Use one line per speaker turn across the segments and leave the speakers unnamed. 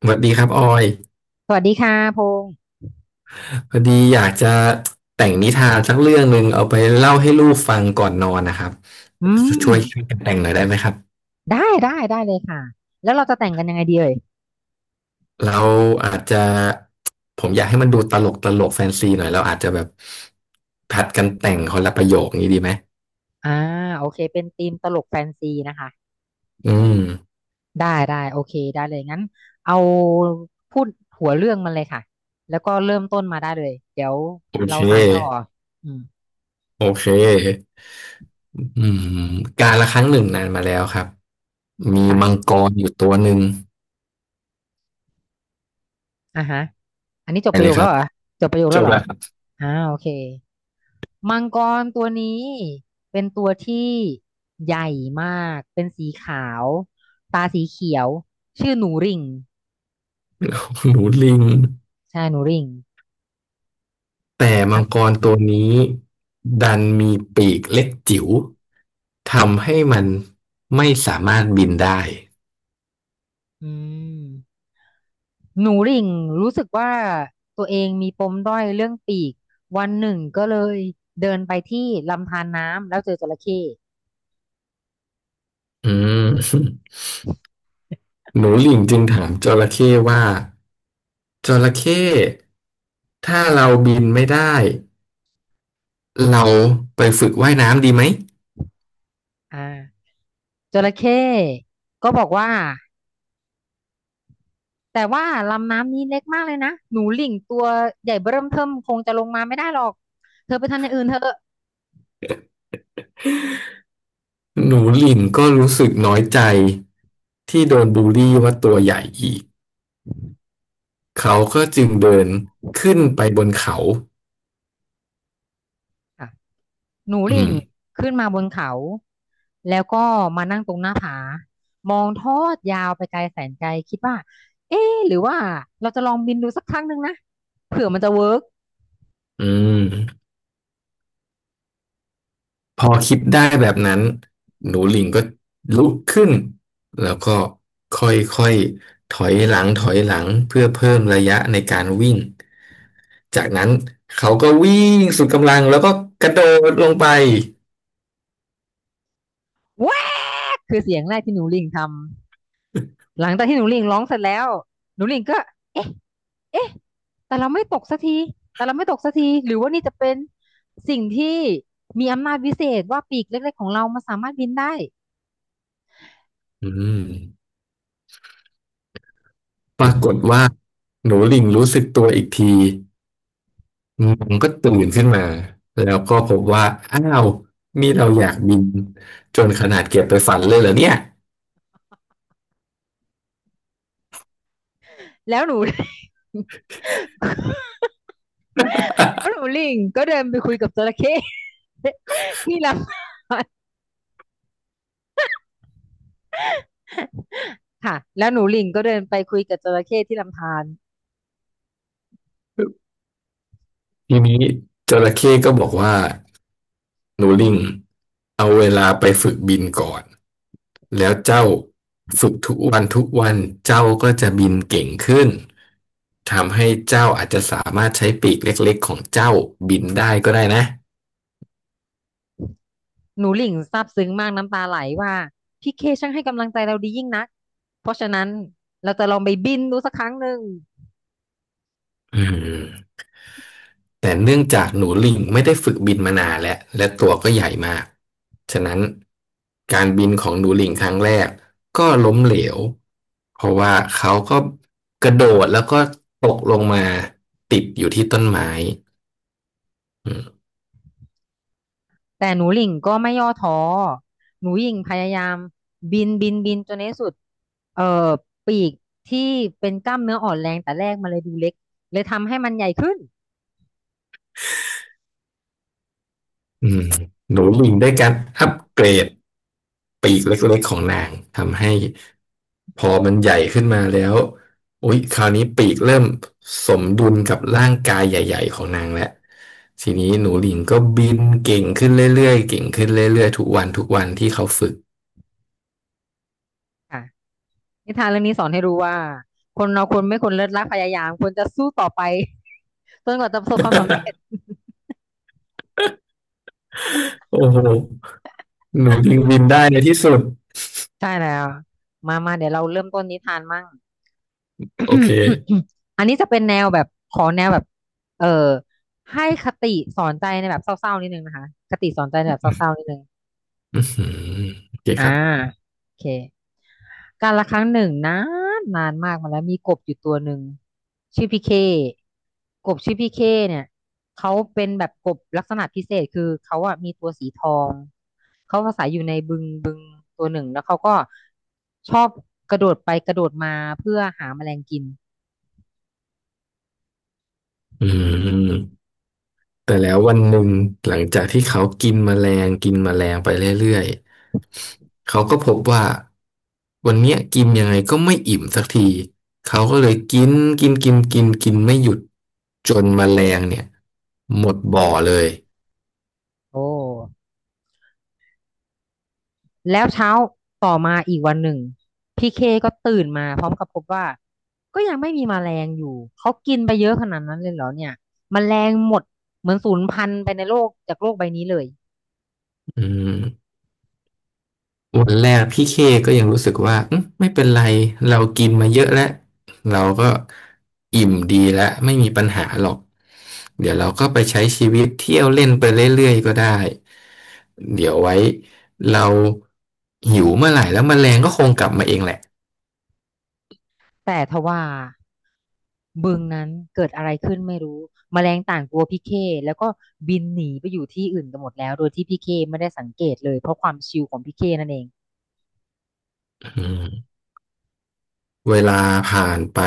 สวัสดีครับออย
สวัสดีค่ะพงษ์
พอดีอยากจะแต่งนิทานสักเรื่องหนึ่งเอาไปเล่าให้ลูกฟังก่อนนอนนะครับ
อื
ช่วย
ม
กันแต่งหน่อยได้ไหมครับ
ได้เลยค่ะแล้วเราจะแต่งกันยังไงดีเอ่ย
เราอาจจะผมอยากให้มันดูตลกตลกแฟนซีหน่อยเราอาจจะแบบผัดกันแต่งคนละประโยคนี้ดีไหม
อ่าโอเคเป็นธีมตลกแฟนซีนะคะ
อืม
ได้ได้โอเคได้เลยงั้นเอาพูดหัวเรื่องมันเลยค่ะแล้วก็เริ่มต้นมาได้เลยเดี๋ยว
โอเค
เราสานต่ออืม
โอเคอืมการละครั้งหนึ่งนานมาแล้วครับมี
ค่ะ
มังกรอยู่ตัวหนึ่ง
อ่าฮะอันนี้จ
ไป
บประ
เล
โย
ย
ค
ค
แล้
รั
ว
บ
เหรอจบประโยค
จ
แล้ว
บ
เหรอ
แล้วครับ
อ่าโอเคมังกรตัวนี้เป็นตัวที่ใหญ่มากเป็นสีขาวตาสีเขียวชื่อหนูริ่ง
หนูลิง
ใช่หนูริ่ง
แต่มังกรตัวนี้ดันมีปีกเล็กจิ๋วทำให้มันไม่สามารถบินได้
อืมหนูริ่งรู้สึกว่าตัวเองมีปมด้อยเรื่องปีก วันหนึ่งก็เลยเดินไปที่ลำธารน้ำแล้วเจอจระเข้
อืม หนูหลิงจึงถามจระเข้ว่าจระเข้ถ้าเราบินไม่ได้เราไปฝึกว่ายน้ำดีไหม
อ่าจระเข้ก็บอกว่าแต่ว่าลำน้ำนี้เล็กมากเลยนะ หนูริ่งตัวใหญ่เบ้อเริ่มเทิ่มคงจะลงมาไม่ได้หรอก เธอไปทำอย่างอื่นเถอ
หนูหลิงก็รู้สึกน้อยใจที่โดนบูลลี่ว่าตัวใหญ่อีกเขาก็จึงเดินขึ้นไปบนเขา
ะ หนู
อื
หลิ่ง
ม
ขึ้นมาบนเขาแล้วก็มานั่งตรงหน้าผามองทอดยาวไปไกลแสนไกลคิดว่าเอ๊ะหรือว่าเราจะลองบินดูสักครั้งหนึ่งนะเผื่อมันจะเวิร์ก
อืม พอคิดได้แบบนั้นหนูลิงก็ลุกขึ้นแล้วก็ค่อยๆถอยหลังเพื่อเพิ่มระยะในการวิ่งจากนั้นเขาก็วิ่งสุดกำลังแล้วก็กระโดดลงไป
แวกคือเสียงแรกที่หนูหลิ่งทำหลังจากที่หนูหลิ่งร้องเสร็จแล้วหนูหลิ่งก็เอ๊ะเอ๊ะแต่เราไม่ตกสักทีแต่เราไม่ตกสักทีหรือว่านี่จะเป็นสิ่งที่มีอำนาจวิเศษว่าปีกเล็กๆของเรามันสามารถบินได้
อืมปรากฏว่าหนูลิงรู้สึกตัวอีกทีมันก็ตื่นขึ้นมาแล้วก็พบว่าอ้าวนี่เราอยากบินจนขนาดเก็บไปฝันเลยเหรอเนี่ย
แล้วหนู แล้วหนูหลิงก็เดินไปคุยกับจระเข้ ที่ล ค่ะแล้วหนูหลิ่งก็เดินไปคุยกับจระเข้ที่ลำธาร
ทีนี้จระเข้ก็บอกว่า นูริ่งเอาเวลาไปฝึกบินก่อน แล้วเจ้าฝึกทุกวัน เจ้าก็จะบินเก่งขึ้น ทำให้เจ้าอาจจะสามารถใช้ปีกเล็กๆของเจ้าบินได้ก็ได้นะ
หนูหลิ่งซาบซึ้งมากน้ำตาไหลว่าพี่เคช่างให้กำลังใจเราดียิ่งนักเพราะฉะนั้นเราจะลองไปบินดูสักครั้งหนึ่ง
อืมแต่เนื่องจากหนูลิงไม่ได้ฝึกบินมานานแล้วและตัวก็ใหญ่มาก ฉะนั้นการบินของหนูลิงครั้งแรกก็ล้มเหลว เพราะว่าเขาก็กระโดดแล้วก็ตกลงมาติดอยู่ที่ต้นไม้อืม
แต่หนูหลิ่งก็ไม่ย่อท้อหนูหลิ่งพยายามบินบินบินจนในที่สุดเอ่อปีกที่เป็นกล้ามเนื้ออ่อนแรงแต่แรกมันเลยดูเล็กเลยทำให้มันใหญ่ขึ้น
อืมหนูบินได้การอัปเกรดปีกเล็กๆของนางทำให้พอมันใหญ่ขึ้นมาแล้วอุ๊ยคราวนี้ปีกเริ่มสมดุลกับร่างกายใหญ่ๆของนางแล้วทีนี้หนูหลิงก็บินเก่งขึ้นเรื่อยๆเก่งขึ้นเรื่อยๆทุกวันที่เขาฝึก
ค่ะนิทานเรื่องนี้สอนให้รู้ว่าคนเราควรไม่ควรเลิกรักพยายามควรจะสู้ต่อไป จนกว่าจะประสบความสำเร็จ
โอ้โหหนูหลิงบินได้ในที่สุด
ใช่แล้ว มามาเดี๋ยวเราเริ่มต้นนิทานมั่ง
โอเค
อันนี้จะเป็นแนวแบบขอแนวแบบ เออ ให้คติสอนใจในแบบเศร้าๆนิดนึงนะคะ คติสอนใจในแบบเศร้าๆนิดนึง
อือหือโอเค
อ่า
ครับ
โอเคการละครั้งหนึ่งนานนานมากมาแล้วมีกบอยู่ตัวหนึ่งชื่อพี่เคกบชื่อพี่เคเนี่ยเขาเป็นแบบกบลักษณะพิเศษคือเขาอะมีตัวสีทองเขาอาศัยอยู่ในบึงบึงตัวหนึ่งแล้วเขาก็ชอบกระโดดไปกระโดดมาเพื่อหาแมลงกิน
อืม แต่แล้ววันหนึ่งหลังจากที่เขากินแมลงไปเรื่อยๆเขาก็พบว่าวันเนี้ยกินยังไงก็ไม่อิ่มสักทีเขาก็เลยกินกินกินกินกินไม่หยุดจนแมลงเนี่ยหมดบ่อเลย
โอ้ แล้วเช้าต่อมาอีกวันหนึ่งพี่เคก็ตื่นมาพร้อมกับพบว่าก็ยังไม่มีแมลงอยู่ เขากินไปเยอะขนาดนั้นเลยเหรอเนี่ยแมลงหมดเหมือนสูญพันธุ์ไปในโลกจากโลกใบนี้เลย
อืม วันแรกพี่เคก็ยังรู้สึกว่าอืมไม่เป็นไรเรากินมาเยอะแล้วเราก็อิ่มดีแล้วไม่มีปัญหาหรอกเดี๋ยวเราก็ไปใช้ชีวิตเที่ยวเล่นไปเรื่อยๆก็ได้เดี๋ยวไว้เราหิวเมื่อไหร่แล้วแมลงก็คงกลับมาเองแหละ
แต่ทว่าบึงนั้นเกิดอะไรขึ้นไม่รู้แมลงต่างกลัวพี่เคแล้วก็บินหนีไปอยู่ที่อื่นกันหมดแล้วโดยที่พี่เคไม่ได้สังเกตเลยเพราะความชิลของพี่เคนั่นเอง
อืม เวลาผ่านไป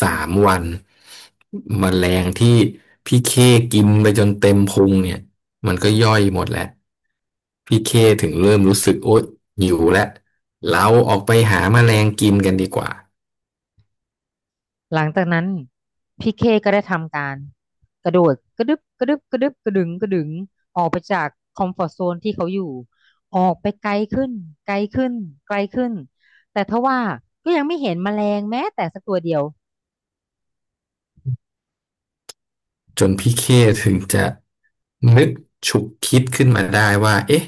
3 วันแมลงที่พี่เคกินไปจนเต็มพุงเนี่ยมันก็ย่อยหมดแล้วพี่เคถึงเริ่มรู้สึกโอ๊ยหิวแล้วเราออกไปหาแมลงกินกันดีกว่า
หลังจากนั้นพี่เคก็ได้ทำการกระโดดกระดึบกระดึบกระดึบกระดึงกระดึงออกไปจากคอมฟอร์ z โซนที่เขาอยู่ออกไปไกลขึ้นไกลขึ้นไกลขึ้นแต่ทว่าก็ยังไม่เห็นแมลงแม้แต่สักตัวเดียว
จนพี่เคถึงจะนึกฉุกคิดขึ้นมาได้ว่าเอ๊ะ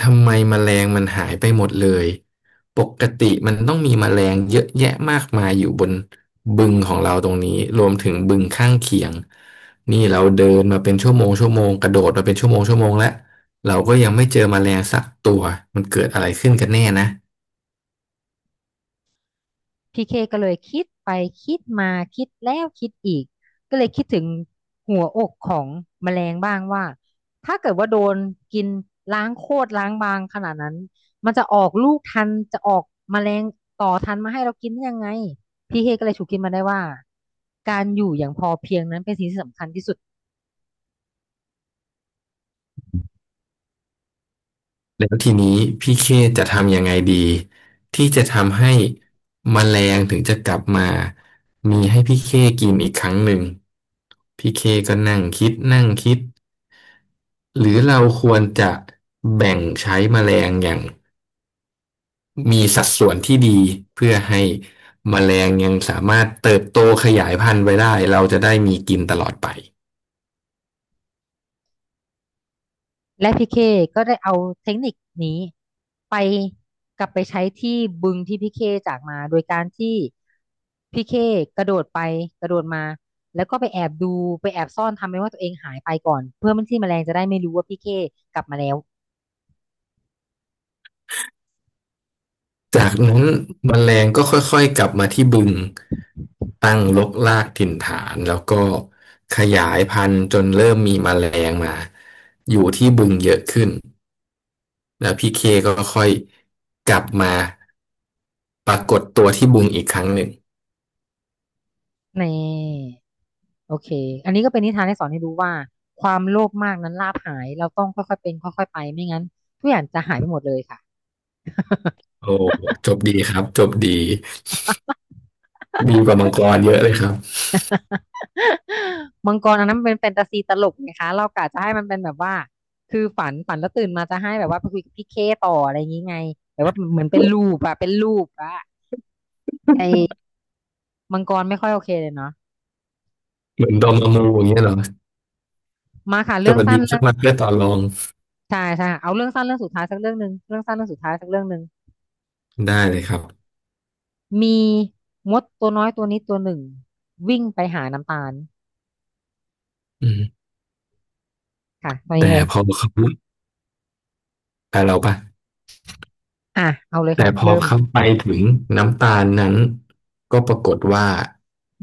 ทำไมแมลงมันหายไปหมดเลยปกติมันต้องมีแมลงเยอะแยะมากมายอยู่บนบึงของเราตรงนี้รวมถึงบึงข้างเคียงนี่เราเดินมาเป็นชั่วโมงกระโดดมาเป็นชั่วโมงแล้วเราก็ยังไม่เจอแมลงสักตัวมันเกิดอะไรขึ้นกันแน่นะ
พี่เคก็เลยคิดไปคิดมาคิดแล้วคิดอีกก็เลยคิดถึงหัวอกของแมลงบ้างว่าถ้าเกิดว่าโดนกินล้างโคตรล้างบางขนาดนั้นมันจะออกลูกทันจะออกแมลงต่อทันมาให้เรากินได้ยังไงพีเคก็เลยฉุกคิดมาได้ว่าการอยู่อย่างพอเพียงนั้นเป็นสิ่งที่สำคัญที่สุด
แล้วทีนี้พี่เคจะทำยังไงดีที่จะทำให้แมลงถึงจะกลับมามีให้พี่เคกินอีกครั้งหนึ่งพี่เคก็นั่งคิด หรือเราควรจะแบ่งใช้แมลงอย่างมีสัดส่วนที่ดีเพื่อให้แมลงยังสามารถเติบโตขยายพันธุ์ไปได้เราจะได้มีกินตลอดไป
และพีเคก็ได้เอาเทคนิคนี้ไปกลับไปใช้ที่บึงที่พีเคจากมาโดยการที่พีเคกระโดดไปกระโดดมาแล้วก็ไปแอบดูไปแอบซ่อนทำเป็นว่าตัวเองหายไปก่อนเพื่อมันที่แมลงจะได้ไม่รู้ว่าพีเคกลับมาแล้ว
จากนั้นแมลงก็ค่อยๆกลับมาที่บึงตั้งรกรากถิ่นฐานแล้วก็ขยายพันธุ์จนเริ่มมีแมลงมาอยู่ที่บึงเยอะขึ้นแล้วพี่เคก็ค่อยกลับมาปรากฏตัวที่บึงอีกครั้งหนึ่ง
นี่โอเคอันนี้ก็เป็นนิทานที่สอนให้รู้ว่าความโลภมากนั้นลาภหายเราต้องค่อยๆเป็นค่อยๆไปไม่งั้นทุกอย่างจะหายไปหมดเลยค่ะ
โอ้ จบดีครับ จบดีดีกว่ามังกรเยอะเลยครับ
มังกรอันนั้นมันเป็นแฟนตาซีตลกไงคะเรากะจะให้มันเป็นแบบว่าคือฝันฝันแล้วตื่นมาจะให้แบบว่าไปคุยกับพี่เคต่ออะไรอย่างงี้ไงแบบว่าเหมือนเป็นลูปอะเป็นลูปอะไอ้มังกรไม่ค่อยโอเคเลยเนาะ
เหมือนดอมอมูอย่างเงี้ยเหรอ
มาค่ะ
ส
เรื่อง
วัส
สั้
ดี
นเรื่
ชั
อ
ก
ง
มาเพื่อต่อรอง
ใช่ใช่เอาเรื่องสั้นเรื่องสุดท้ายสักเรื่องหนึ่งเรื่องสั้นเรื่องสุดท้ายสักเรื่องหนึ่ง
ได้เลยครับ
มีมดตัวน้อยตัวนี้ตัวหนึ่งวิ่งไปหาน้ำตาล
อืม
ค่ะตอนนี้
แต่
เลย
พอเขาแต่เราปะ
อ่ะเอาเลย
แต่
ค่ะ
พอ
เริ่ม
เขาไปถึงน้ำตาลนั้นก็ปรากฏว่า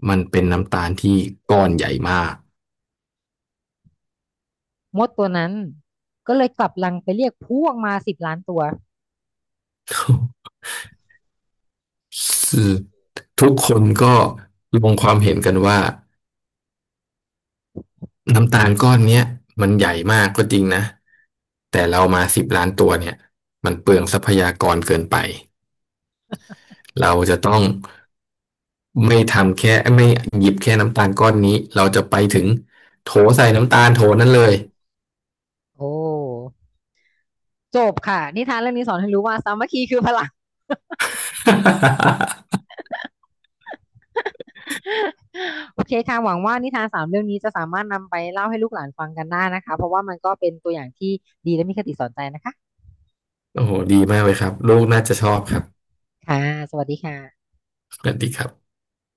มันเป็นน้ำตาลที่ก้อนใหญ่มาก
มดตัวนั้นก็เลยกลับรังไปเรียกพวกมา10,000,000ตัว
ทุกคนก็ลงความเห็นกันว่า น้ำตาลก้อนเนี้ยมันใหญ่มากก็จริงนะแต่เรามา10,000,000ตัวเนี่ยมันเปลืองทรัพยากรเกินไปเราจะต้องไม่ทำแค่ไม่หยิบแค่น้ำตาลก้อนนี้เราจะไปถึงโถใส่น้ำตาลโถนั้นเลย
โอ้ จบค่ะนิทานเรื่องนี้สอนให้รู้ว่าสามัคคีคือพลัง โอเคค่ะหวังว่านิทานสามเรื่องนี้จะสามารถนำไปเล่าให้ลูกหลานฟังกันได้นะคะเพราะว่ามันก็เป็นตัวอย่างที่ดีและมีคติสอนใจนะคะ
โอ้โหดีมากเลยครับลูกน่าจะชอบครับ
ค่ะสวัสดีค่ะ
สวัสดีครับ